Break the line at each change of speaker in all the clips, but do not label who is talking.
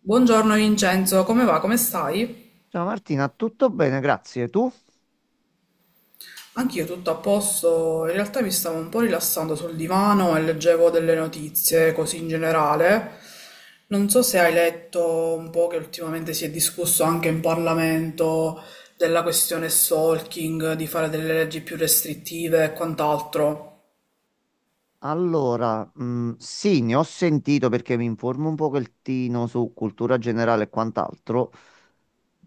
Buongiorno Vincenzo, come va? Come stai?
Ciao Martina, tutto bene, grazie. Tu?
Anch'io tutto a posto, in realtà mi stavo un po' rilassando sul divano e leggevo delle notizie così in generale. Non so se hai letto un po' che ultimamente si è discusso anche in Parlamento della questione stalking, di fare delle leggi più restrittive e quant'altro.
Allora, sì, ne ho sentito perché mi informo un pochettino su cultura generale e quant'altro,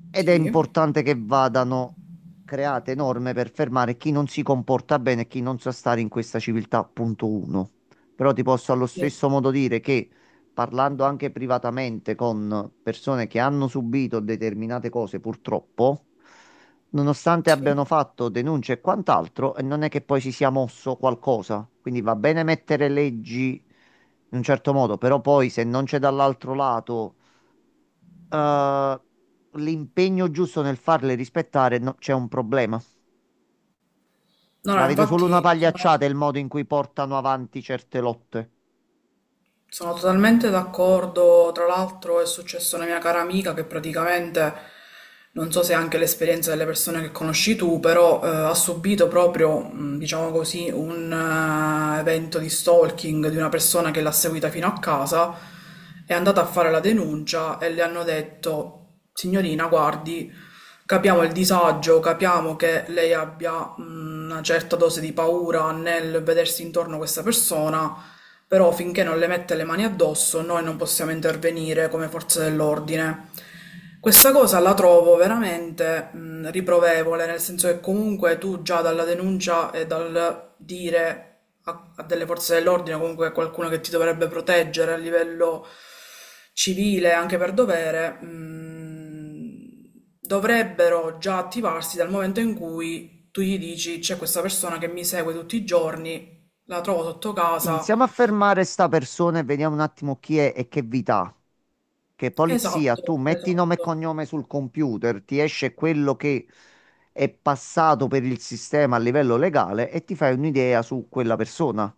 ed è
Sì,
importante che vadano create norme per fermare chi non si comporta bene e chi non sa stare in questa civiltà, punto uno. Però ti posso allo
sì,
stesso modo dire che, parlando anche privatamente con persone che hanno subito determinate cose, purtroppo, nonostante
sì.
abbiano fatto denunce e quant'altro, non è che poi si sia mosso qualcosa. Quindi va bene mettere leggi in un certo modo, però poi se non c'è dall'altro lato eh, l'impegno giusto nel farle rispettare, no, c'è un problema.
No, no,
La vedo solo una
infatti
pagliacciata il modo in cui portano avanti certe lotte.
sono totalmente d'accordo, tra l'altro è successo a una mia cara amica che praticamente, non so se è anche l'esperienza delle persone che conosci tu, però ha subito proprio, diciamo così, un evento di stalking di una persona che l'ha seguita fino a casa, è andata a fare la denuncia e le hanno detto: signorina, guardi, capiamo il disagio, capiamo che lei abbia una certa dose di paura nel vedersi intorno a questa persona, però finché non le mette le mani addosso noi non possiamo intervenire come forze dell'ordine. Questa cosa la trovo veramente riprovevole, nel senso che comunque tu già dalla denuncia e dal dire a delle forze dell'ordine, comunque a qualcuno che ti dovrebbe proteggere a livello civile, anche per dovere, dovrebbero già attivarsi dal momento in cui tu gli dici: c'è questa persona che mi segue tutti i giorni, la trovo sotto casa.
Iniziamo a fermare sta persona e vediamo un attimo chi è e che vita ha. Che polizia,
Esatto,
tu metti nome e
esatto,
cognome sul computer, ti esce quello che è passato per il sistema a livello legale e ti fai un'idea su quella persona.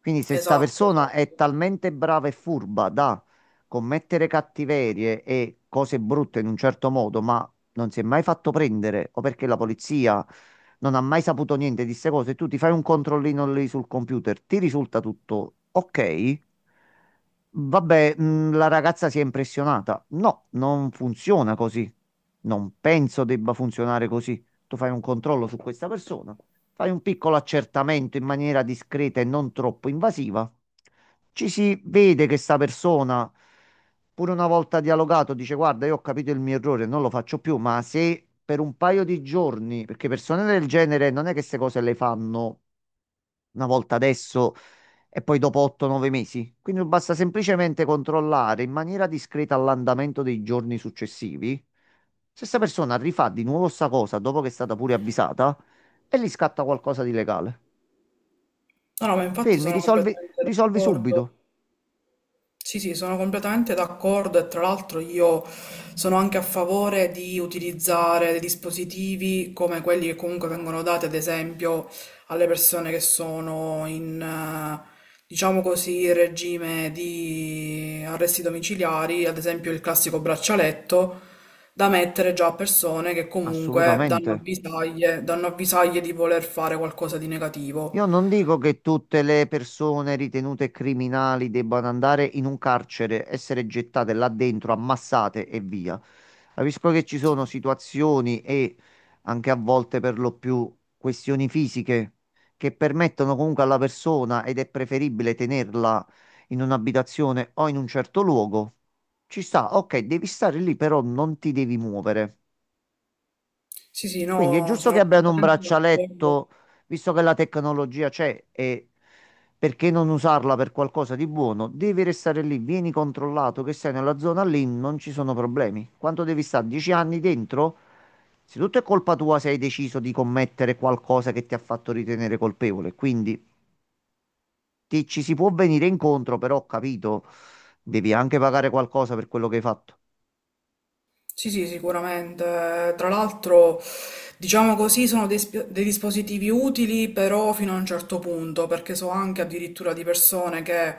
Quindi se sta
esatto,
persona è
esatto.
talmente brava e furba da commettere cattiverie e cose brutte in un certo modo, ma non si è mai fatto prendere, o perché la polizia non ha mai saputo niente di queste cose, tu ti fai un controllino lì sul computer, ti risulta tutto ok? Vabbè, la ragazza si è impressionata. No, non funziona così. Non penso debba funzionare così. Tu fai un controllo su questa persona, fai un piccolo accertamento in maniera discreta e non troppo invasiva. Ci si vede che sta persona, pure una volta dialogato, dice: "Guarda, io ho capito il mio errore, non lo faccio più." Ma se per un paio di giorni, perché persone del genere non è che queste cose le fanno una volta adesso e poi dopo 8-9 mesi. Quindi basta semplicemente controllare in maniera discreta l'andamento dei giorni successivi. Se questa persona rifà di nuovo sta cosa dopo che è stata pure avvisata, e gli scatta qualcosa di legale.
No, no, ma infatti
Fermi,
sono
risolvi,
completamente
risolvi
d'accordo.
subito.
Sì, sì, sono completamente d'accordo, e tra l'altro io sono anche a favore di utilizzare dei dispositivi come quelli che comunque vengono dati, ad esempio, alle persone che sono in, diciamo così, regime di arresti domiciliari, ad esempio il classico braccialetto da mettere già a persone che comunque
Assolutamente.
danno avvisaglie di voler fare qualcosa di negativo.
Io non dico che tutte le persone ritenute criminali debbano andare in un carcere, essere gettate là dentro, ammassate e via. Capisco che ci
Sì,
sono situazioni e anche a volte per lo più questioni fisiche che permettono comunque alla persona ed è preferibile tenerla in un'abitazione o in un certo luogo. Ci sta, ok, devi stare lì, però non ti devi muovere.
sì, sì,
Quindi è
no,
giusto che
sono
abbiano un
completamente d'accordo.
braccialetto, visto che la tecnologia c'è, e perché non usarla per qualcosa di buono? Devi restare lì, vieni controllato che sei nella zona lì, non ci sono problemi. Quanto devi stare? 10 anni dentro? Se tutto è colpa tua, se hai deciso di commettere qualcosa che ti ha fatto ritenere colpevole, quindi ci si può venire incontro, però ho capito, devi anche pagare qualcosa per quello che hai fatto.
Sì, sì, sicuramente. Tra l'altro, diciamo così, sono dei, dei dispositivi utili, però fino a un certo punto, perché so anche addirittura di persone che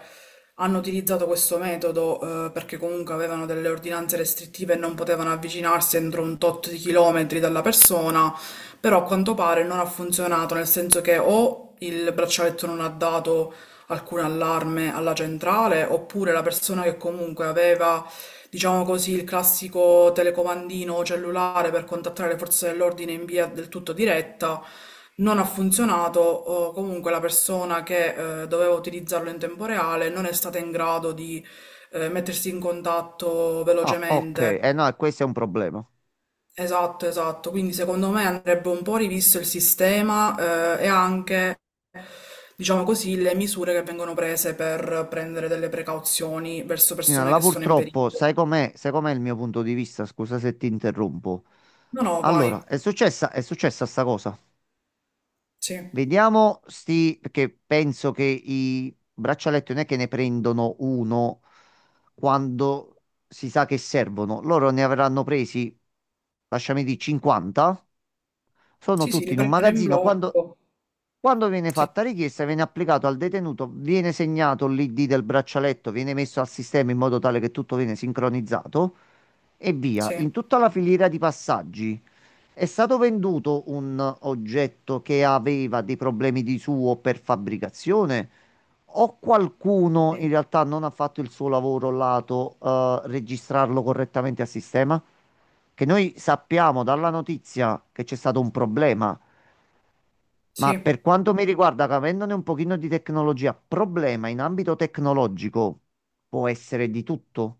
hanno utilizzato questo metodo, perché comunque avevano delle ordinanze restrittive e non potevano avvicinarsi entro un tot di chilometri dalla persona, però a quanto pare non ha funzionato, nel senso che o il braccialetto non ha dato alcun allarme alla centrale, oppure la persona che comunque aveva, diciamo così, il classico telecomandino cellulare per contattare le forze dell'ordine in via del tutto diretta. Non ha funzionato, o comunque la persona che doveva utilizzarlo in tempo reale non è stata in grado di mettersi in contatto
Ah, ok,
velocemente.
eh no, e questo è un problema.
Esatto, esatto. Quindi secondo me andrebbe un po' rivisto il sistema, e anche, diciamo così, le misure che vengono prese per prendere delle precauzioni verso
Tina,
persone
là
che sono in
purtroppo,
pericolo.
sai com'è il mio punto di vista? Scusa se ti interrompo.
No, no, vai.
Allora, è successa sta cosa.
Sì.
Vediamo sti, perché penso che i braccialetti non è che ne prendono uno quando si sa che servono. Loro ne avranno presi, lasciami dire, 50. Sono
Sì, sì,
tutti
li
in un
prendono in
magazzino.
blocco.
Quando viene
Sì,
fatta richiesta, viene applicato al detenuto, viene segnato l'ID del braccialetto, viene messo al sistema in modo tale che tutto viene sincronizzato e via.
sì,
In tutta la filiera di passaggi è stato venduto un oggetto che aveva dei problemi di suo per fabbricazione, o qualcuno
sì,
in realtà non ha fatto il suo lavoro lato registrarlo correttamente a sistema? Che noi sappiamo dalla notizia che c'è stato un problema. Ma
sì,
per quanto mi riguarda, che avendone un pochino di tecnologia, problema in ambito tecnologico può essere di tutto.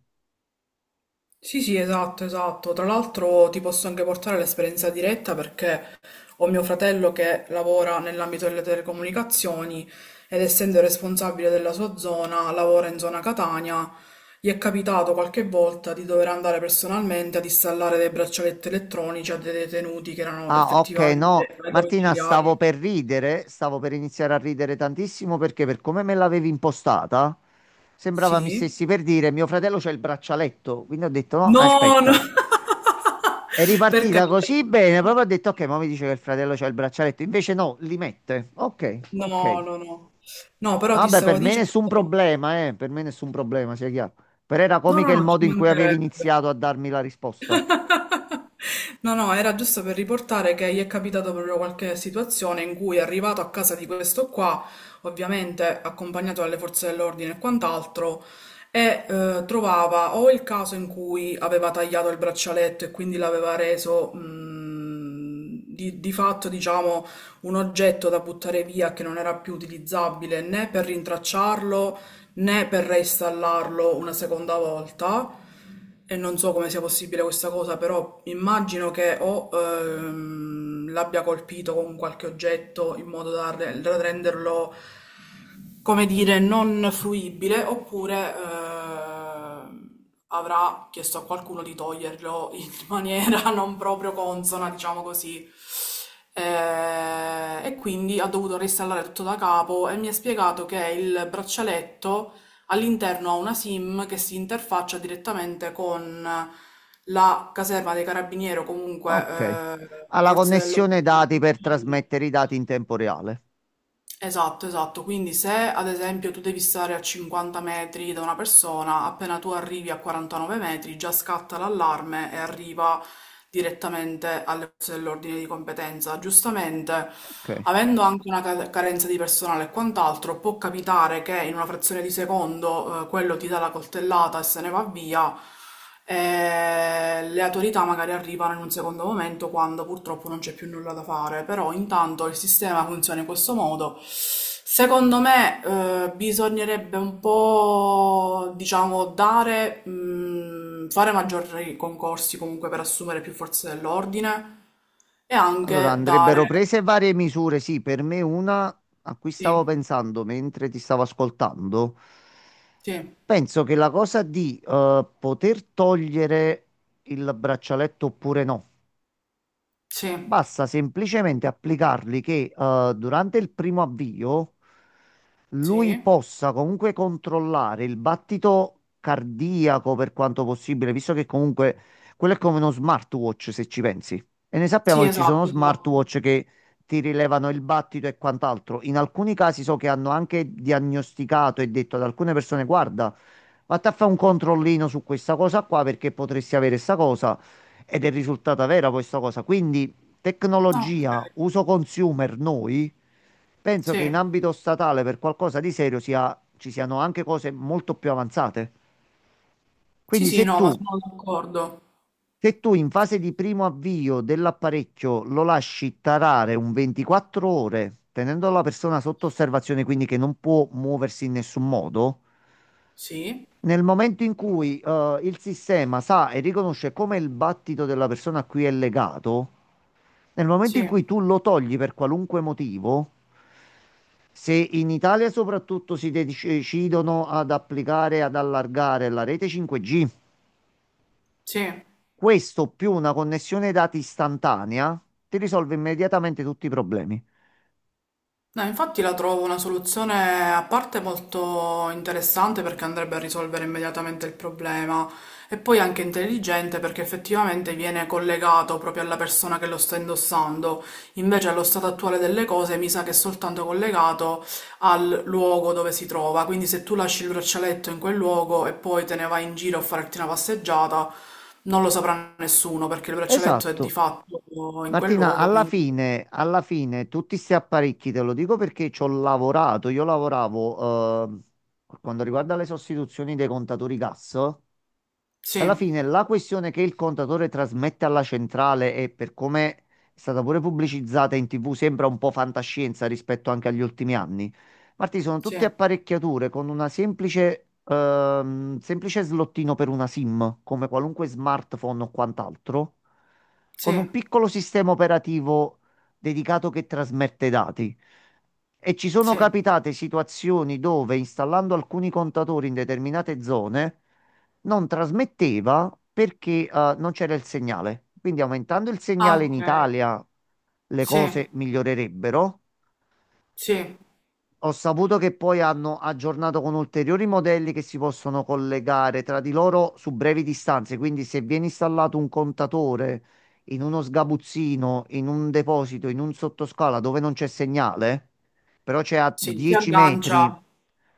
sì, sì, esatto, esatto. Tra l'altro ti posso anche portare l'esperienza diretta perché ho mio fratello che lavora nell'ambito delle telecomunicazioni, ed essendo responsabile della sua zona, lavora in zona Catania, gli è capitato qualche volta di dover andare personalmente ad installare dei braccialetti elettronici a dei detenuti che erano
Ah, ok,
effettivamente
no,
ai
Martina, stavo
domiciliari.
per ridere, stavo per iniziare a ridere tantissimo perché per come me l'avevi impostata, sembrava mi
Sì.
stessi per dire mio fratello c'è il braccialetto, quindi ho detto no,
No, no.
aspetta. È
Per
ripartita
carità.
così bene, proprio ho detto ok, ma mi dice che il fratello c'ha il braccialetto, invece no, li mette. Ok,
No,
ok.
no, no. No, però
No,
ti
vabbè,
stavo
per me
dicendo
nessun problema, per me nessun problema, sia chiaro. Però era
no,
comica
no,
il
no, ci
modo in cui avevi
mancherebbe.
iniziato a darmi la risposta.
No, no, era giusto per riportare che gli è capitata proprio qualche situazione in cui è arrivato a casa di questo qua, ovviamente accompagnato dalle forze dell'ordine e quant'altro, e trovava o il caso in cui aveva tagliato il braccialetto e quindi l'aveva reso, di fatto, diciamo, un oggetto da buttare via che non era più utilizzabile né per rintracciarlo né per reinstallarlo una seconda volta. E non so come sia possibile questa cosa, però immagino che o l'abbia colpito con qualche oggetto in modo da, da renderlo, come dire, non fruibile, oppure avrà chiesto a qualcuno di toglierlo maniera non proprio consona, diciamo così. E quindi ha dovuto reinstallare tutto da capo, e mi ha spiegato che il braccialetto all'interno ha una SIM che si interfaccia direttamente con la caserma dei carabinieri o comunque
Ok. Ha
le
la
forze dell'ordine.
connessione dati per trasmettere i dati in tempo reale.
Esatto, esatto. Quindi se ad esempio tu devi stare a 50 metri da una persona, appena tu arrivi a 49 metri già scatta l'allarme e arriva direttamente alle forze dell'ordine di competenza. Giustamente,
Ok.
avendo anche una carenza di personale e quant'altro, può capitare che in una frazione di secondo, quello ti dà la coltellata e se ne va via. Le autorità magari arrivano in un secondo momento, quando purtroppo non c'è più nulla da fare, però intanto il sistema funziona in questo modo. Secondo me, bisognerebbe un po', diciamo, dare, fare maggiori concorsi comunque per assumere più forze dell'ordine e
Allora
anche
andrebbero
dare...
prese varie misure. Sì, per me una a cui stavo
Sì,
pensando mentre ti stavo ascoltando.
sì,
Penso che la cosa di poter togliere il braccialetto oppure no.
sì,
Basta semplicemente applicarli che durante il primo avvio
sì,
lui possa comunque controllare il battito cardiaco per quanto possibile, visto che comunque quello è come uno smartwatch se ci pensi. E ne sappiamo
sì,
che ci sono
esatto, esatto.
smartwatch che ti rilevano il battito e quant'altro. In alcuni casi so che hanno anche diagnosticato e detto ad alcune persone: "Guarda, vatti a fare un controllino su questa cosa qua perché potresti avere questa cosa." Ed è risultata vera questa cosa. Quindi
Ah,
tecnologia,
ok,
uso consumer, noi, penso che in
sì,
ambito statale per qualcosa di serio ci siano anche cose molto più avanzate.
sì,
Quindi
sì,
se
no,
tu,
ma sono d'accordo.
se tu in fase di primo avvio dell'apparecchio lo lasci tarare un 24 ore, tenendo la persona sotto osservazione, quindi che non può muoversi in nessun modo.
Sì.
Nel momento in cui il sistema sa e riconosce come il battito della persona a cui è legato, nel momento in cui
Sì,
tu lo togli per qualunque motivo, se in Italia soprattutto si decidono ad applicare, ad allargare la rete 5G,
sì.
questo più una connessione dati istantanea ti risolve immediatamente tutti i problemi.
No, infatti la trovo una soluzione a parte molto interessante, perché andrebbe a risolvere immediatamente il problema, e poi anche intelligente perché effettivamente viene collegato proprio alla persona che lo sta indossando. Invece allo stato attuale delle cose mi sa che è soltanto collegato al luogo dove si trova. Quindi se tu lasci il braccialetto in quel luogo e poi te ne vai in giro a farti una passeggiata, non lo saprà nessuno perché il braccialetto è di
Esatto,
fatto in quel
Martina,
luogo, quindi
alla fine, tutti questi apparecchi, te lo dico perché ci ho lavorato, io lavoravo, per quanto riguarda le sostituzioni dei contatori gas,
sì.
alla fine la questione che il contatore trasmette alla centrale e per come è stata pure pubblicizzata in TV sembra un po' fantascienza rispetto anche agli ultimi anni. Marti, sono
Sì,
tutte apparecchiature con una semplice, semplice slottino per una SIM, come qualunque smartphone o quant'altro,
sì,
con un piccolo sistema operativo dedicato che trasmette dati. E ci sono
sì.
capitate situazioni dove installando alcuni contatori in determinate zone non trasmetteva perché non c'era il segnale. Quindi aumentando il
Ah,
segnale in
okay.
Italia le
Sì,
cose migliorerebbero,
sì,
ho saputo che poi hanno aggiornato con ulteriori modelli che si possono collegare tra di loro su brevi distanze, quindi se viene installato un contatore in uno sgabuzzino, in un deposito, in un sottoscala dove non c'è segnale, però c'è a
sì, si
10 metri,
aggancia.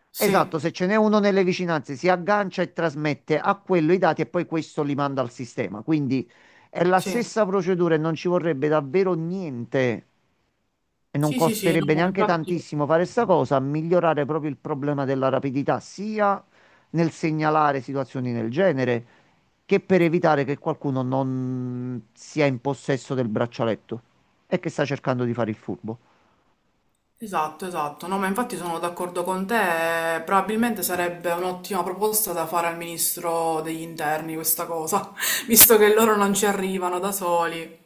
Sì,
esatto, se ce n'è uno nelle vicinanze si aggancia e trasmette a quello i dati e poi questo li manda al sistema. Quindi è la
sì.
stessa procedura e non ci vorrebbe davvero niente e non
Sì, sì, sì, no,
costerebbe
ma
neanche
infatti...
tantissimo fare sta cosa, migliorare proprio il problema della rapidità, sia nel segnalare situazioni del genere, che per evitare che qualcuno non sia in possesso del braccialetto e che sta cercando di fare il furbo.
Esatto, esatto. No, ma infatti sono d'accordo con te. Probabilmente sarebbe un'ottima proposta da fare al ministro degli interni questa cosa, visto che loro non ci arrivano da soli.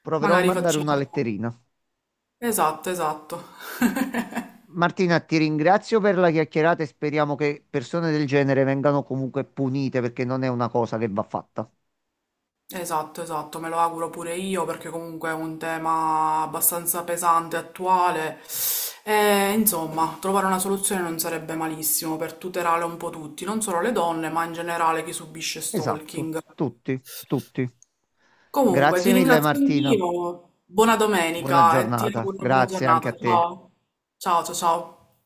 Proverò a
Magari
mandare una
facciamo...
letterina.
Esatto, esatto.
Martina, ti ringrazio per la chiacchierata e speriamo che persone del genere vengano comunque punite perché non è una cosa che va fatta.
Esatto, esatto, me lo auguro pure io perché comunque è un tema abbastanza pesante, attuale, e insomma trovare una soluzione non sarebbe malissimo per tutelare un po' tutti, non solo le donne ma in generale chi subisce
Esatto,
stalking.
tutti, tutti.
Comunque ti
Grazie mille
ringrazio
Martina.
anch'io, buona
Buona
domenica e ti
giornata,
auguro una buona
grazie anche
giornata.
a te.
Ciao, ciao, ciao. Ciao.